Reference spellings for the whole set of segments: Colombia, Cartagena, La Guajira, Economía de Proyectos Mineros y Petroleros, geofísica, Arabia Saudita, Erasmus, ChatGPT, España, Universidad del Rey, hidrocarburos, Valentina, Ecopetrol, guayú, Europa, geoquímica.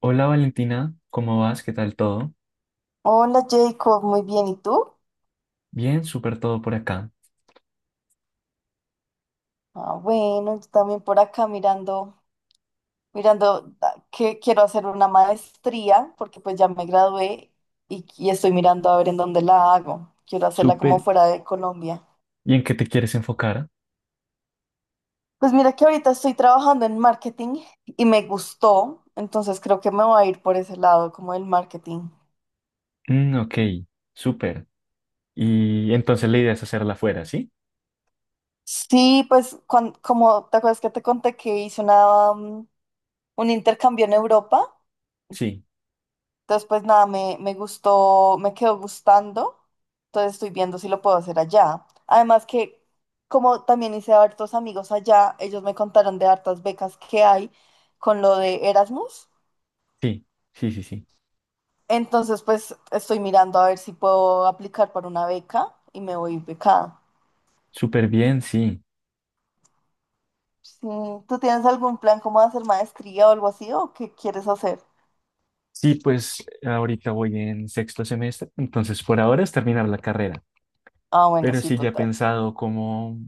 Hola Valentina, ¿cómo vas? ¿Qué tal todo? Hola Jacob, muy bien, ¿y tú? Bien, súper todo por acá. Ah, bueno, yo también por acá mirando, que quiero hacer una maestría porque pues ya me gradué y estoy mirando a ver en dónde la hago. Quiero hacerla como Súper. fuera de Colombia. ¿Y en qué te quieres enfocar? Pues mira que ahorita estoy trabajando en marketing y me gustó, entonces creo que me voy a ir por ese lado, como el marketing. Mm, ok, súper. Y entonces la idea es hacerla afuera, ¿sí? Sí, pues como te acuerdas que te conté que hice una un intercambio en Europa. Sí, Entonces, pues nada, me gustó, me quedó gustando. Entonces estoy viendo si lo puedo hacer allá. Además que como también hice hartos amigos allá, ellos me contaron de hartas becas que hay con lo de Erasmus. sí, sí, sí, sí. Entonces, pues estoy mirando a ver si puedo aplicar para una beca y me voy becada. Súper bien, sí. Sí, ¿tú tienes algún plan como de hacer maestría o algo así o qué quieres hacer? Sí, pues ahorita voy en sexto semestre, entonces por ahora es terminar la carrera. Ah, bueno, Pero sí, sí ya he total. pensado como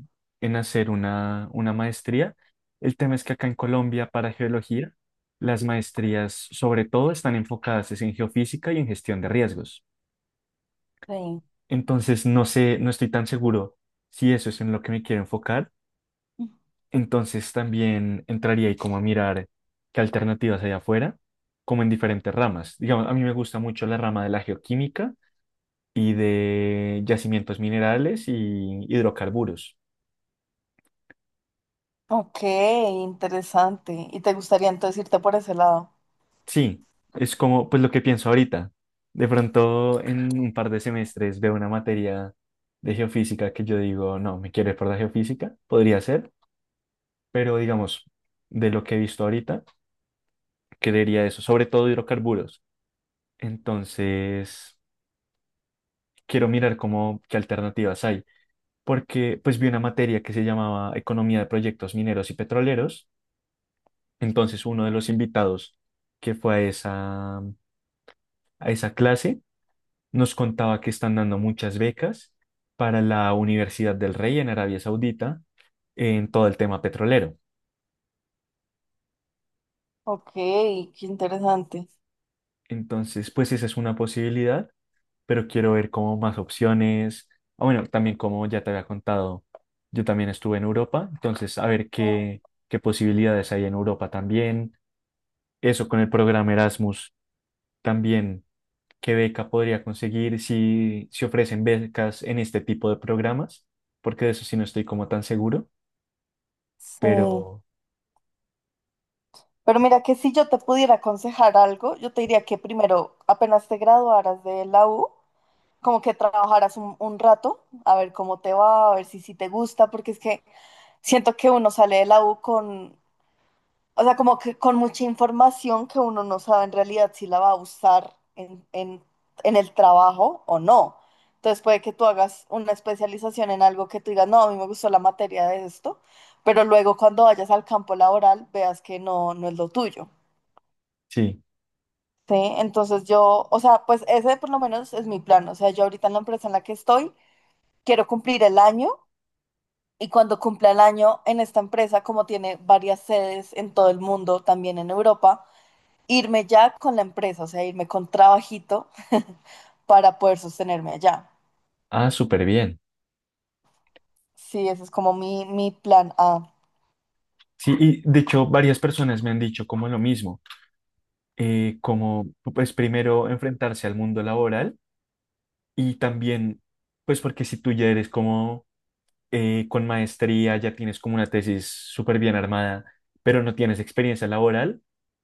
en hacer una maestría. El tema es que acá en Colombia, para geología, las maestrías sobre todo están enfocadas es en geofísica y en gestión de riesgos. Sí. Entonces, no sé, no estoy tan seguro si eso es en lo que me quiero enfocar. Entonces, también entraría ahí como a mirar qué alternativas hay afuera, como en diferentes ramas. Digamos, a mí me gusta mucho la rama de la geoquímica y de yacimientos minerales y hidrocarburos. Ok, interesante. ¿Y te gustaría entonces irte por ese lado? Sí, es como pues lo que pienso ahorita. De pronto en un par de semestres veo una materia de geofísica que yo digo, no, me quiero ir por la geofísica, podría ser, pero digamos, de lo que he visto ahorita, creería eso, sobre todo hidrocarburos. Entonces, quiero mirar cómo, qué alternativas hay, porque pues vi una materia que se llamaba Economía de Proyectos Mineros y Petroleros. Entonces, uno de los invitados que fue a esa clase nos contaba que están dando muchas becas para la Universidad del Rey en Arabia Saudita en todo el tema petrolero. Ok, qué interesante. Entonces, pues esa es una posibilidad, pero quiero ver como más opciones. Ah, bueno, también como ya te había contado, yo también estuve en Europa, entonces a ver qué, qué posibilidades hay en Europa también. Eso con el programa Erasmus también, qué beca podría conseguir si, si ofrecen becas en este tipo de programas, porque de eso sí no estoy como tan seguro, Sí. pero Pero mira que si yo te pudiera aconsejar algo, yo te diría que primero, apenas te graduaras de la U, como que trabajaras un rato, a ver cómo te va, a ver si, si te gusta, porque es que siento que uno sale de la U con, o sea, como que con mucha información que uno no sabe en realidad si la va a usar en en el trabajo o no. Entonces puede que tú hagas una especialización en algo que tú digas, no, a mí me gustó la materia de esto, pero luego cuando vayas al campo laboral veas que no, no es lo tuyo. sí, ¿Sí? Entonces yo, o sea, pues ese por lo menos es mi plan. O sea, yo ahorita en la empresa en la que estoy, quiero cumplir el año y cuando cumpla el año en esta empresa, como tiene varias sedes en todo el mundo, también en Europa, irme ya con la empresa, o sea, irme con trabajito para poder sostenerme allá. ah, súper bien. Sí, ese es como mi plan A. Sí, y de hecho varias personas me han dicho como lo mismo, como pues primero enfrentarse al mundo laboral y también pues porque si tú ya eres como con maestría, ya tienes como una tesis súper bien armada, pero no tienes experiencia laboral,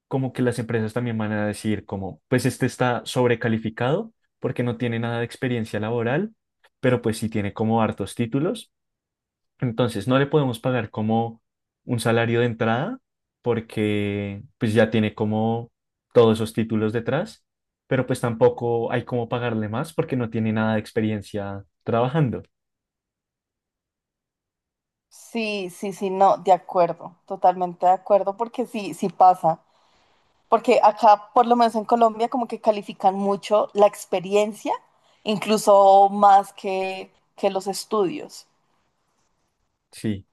como que las empresas también van a decir como pues este está sobrecalificado porque no tiene nada de experiencia laboral, pero pues sí tiene como hartos títulos. Entonces, no le podemos pagar como un salario de entrada porque pues ya tiene como todos esos títulos detrás, pero pues tampoco hay como pagarle más porque no tiene nada de experiencia trabajando. Sí, sí, sí, no, de acuerdo, totalmente de acuerdo, porque sí, sí pasa. Porque acá, por lo menos en Colombia, como que califican mucho la experiencia, incluso más que los estudios. Sí,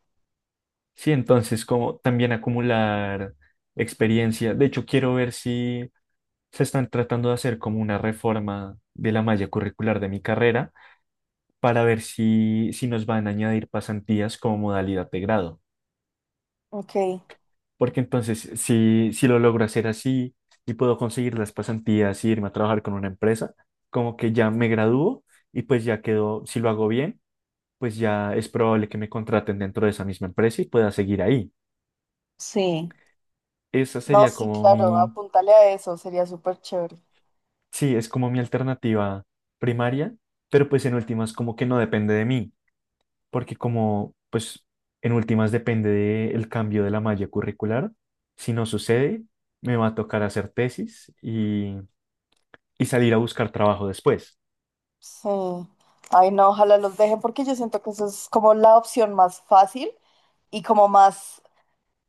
sí, entonces como también acumular experiencia. De hecho, quiero ver si se están tratando de hacer como una reforma de la malla curricular de mi carrera para ver si, si nos van a añadir pasantías como modalidad de grado. Ok, Porque entonces, si, si lo logro hacer así y puedo conseguir las pasantías y irme a trabajar con una empresa, como que ya me gradúo y pues ya quedo, si lo hago bien, pues ya es probable que me contraten dentro de esa misma empresa y pueda seguir ahí. sí. Esa No, sería sí, como claro, mi, apúntale a eso, sería súper chévere. sí, es como mi alternativa primaria, pero pues en últimas como que no depende de mí, porque como pues en últimas depende del cambio de la malla curricular, si no sucede, me va a tocar hacer tesis y salir a buscar trabajo después. Sí. Ay, no, ojalá los dejen porque yo siento que eso es como la opción más fácil y como más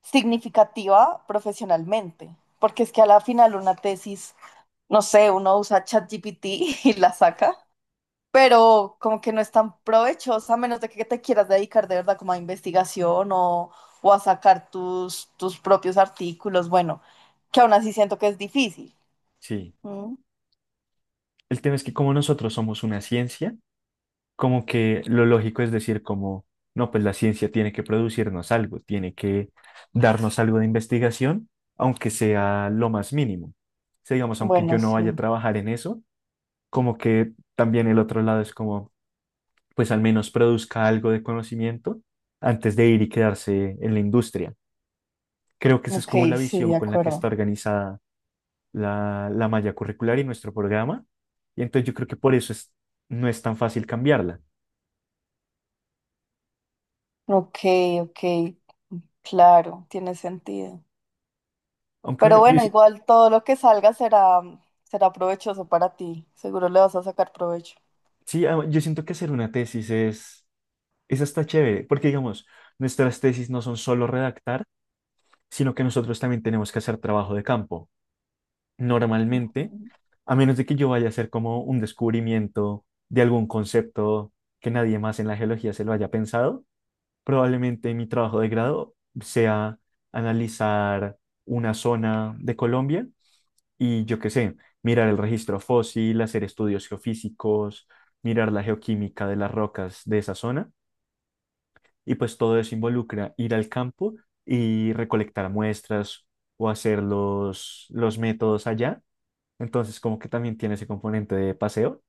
significativa profesionalmente. Porque es que a la final una tesis, no sé, uno usa ChatGPT y la saca, pero como que no es tan provechosa a menos de que te quieras dedicar de verdad como a investigación o a sacar tus propios artículos. Bueno, que aún así siento que es difícil. Sí. ¿Mm? El tema es que como nosotros somos una ciencia, como que lo lógico es decir como, no, pues la ciencia tiene que producirnos algo, tiene que darnos algo de investigación, aunque sea lo más mínimo. O sea, digamos, aunque yo Bueno, no vaya a sí. trabajar en eso, como que también el otro lado es como, pues al menos produzca algo de conocimiento antes de ir y quedarse en la industria. Creo que esa es Ok, como la sí, visión de con la que está acuerdo. organizada la, la malla curricular y nuestro programa. Y entonces yo creo que por eso es, no es tan fácil cambiarla. Ok, ok. Claro, tiene sentido. Aunque Pero bueno, yo, bueno, sí, igual todo lo que salga será, será provechoso para ti. Seguro le vas a sacar provecho. sí, ah, yo siento que hacer una tesis es hasta chévere, porque digamos, nuestras tesis no son solo redactar, sino que nosotros también tenemos que hacer trabajo de campo. Normalmente, Ujú. a menos de que yo vaya a hacer como un descubrimiento de algún concepto que nadie más en la geología se lo haya pensado, probablemente mi trabajo de grado sea analizar una zona de Colombia y yo qué sé, mirar el registro fósil, hacer estudios geofísicos, mirar la geoquímica de las rocas de esa zona, y pues todo eso involucra ir al campo y recolectar muestras o hacer los métodos allá. Entonces, como que también tiene ese componente de paseo.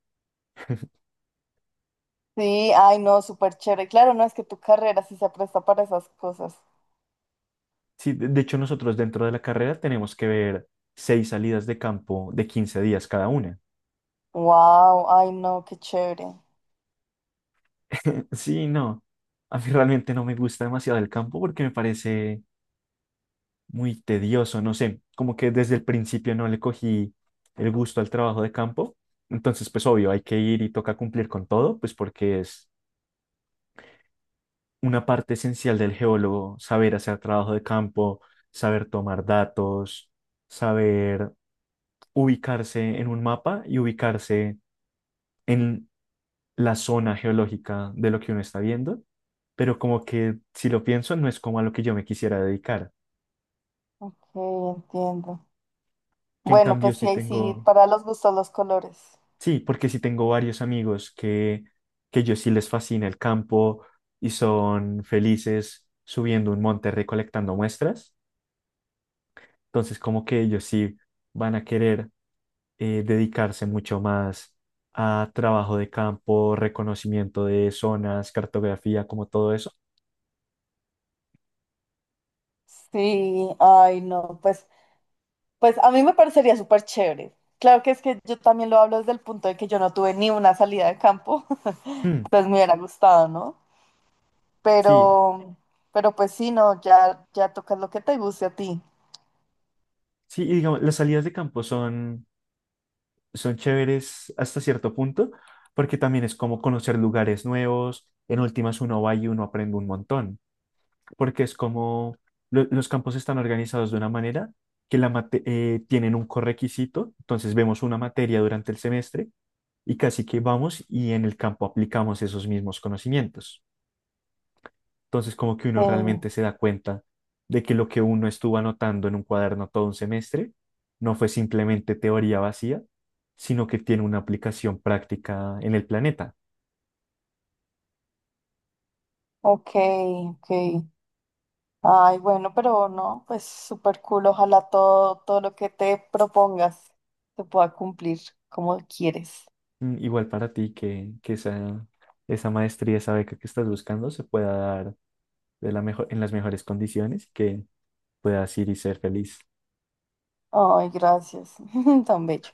Sí, ay, no, súper chévere. Claro, no es que tu carrera sí se presta para esas cosas. Sí, de hecho, nosotros dentro de la carrera tenemos que ver 6 salidas de campo de 15 días cada una. Wow, ay, no, qué chévere. Sí, no. A mí realmente no me gusta demasiado el campo porque me parece muy tedioso, no sé, como que desde el principio no le cogí el gusto al trabajo de campo. Entonces, pues obvio, hay que ir y toca cumplir con todo, pues porque es una parte esencial del geólogo, saber hacer trabajo de campo, saber tomar datos, saber ubicarse en un mapa y ubicarse en la zona geológica de lo que uno está viendo. Pero como que si lo pienso, no es como a lo que yo me quisiera dedicar, Sí, entiendo. que en Bueno, cambio pues sí, sí ahí sí, tengo. para los gustos, los colores. Sí, porque sí tengo varios amigos que yo sí les fascina el campo y son felices subiendo un monte recolectando muestras. Entonces, como que ellos sí van a querer dedicarse mucho más a trabajo de campo, reconocimiento de zonas, cartografía, como todo eso. Sí, ay, no, pues, pues a mí me parecería súper chévere. Claro que es que yo también lo hablo desde el punto de que yo no tuve ni una salida de campo, Mm, pues me hubiera gustado, ¿no? sí, Pero, pero pues sí, no, ya, ya tocas lo que te guste a ti. sí, y digamos, las salidas de campo son, son chéveres hasta cierto punto, porque también es como conocer lugares nuevos. En últimas, uno va y uno aprende un montón. Porque es como los campos están organizados de una manera que tienen un correquisito, entonces vemos una materia durante el semestre y casi que vamos y en el campo aplicamos esos mismos conocimientos. Entonces como que Sí, uno realmente se da cuenta de que lo que uno estuvo anotando en un cuaderno todo un semestre no fue simplemente teoría vacía, sino que tiene una aplicación práctica en el planeta. ok, ok. Ay, bueno, pero no, pues súper cool. Ojalá todo, todo lo que te propongas se pueda cumplir como quieres. Mm, igual para ti que esa maestría, esa beca que estás buscando se pueda dar de la mejor, en las mejores condiciones y que puedas ir y ser feliz. Ay, gracias. Tan bello.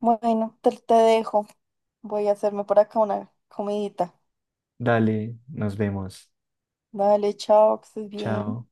Bueno, te dejo. Voy a hacerme por acá una comidita. Dale, nos vemos. Dale, chao, que estés bien. Chao.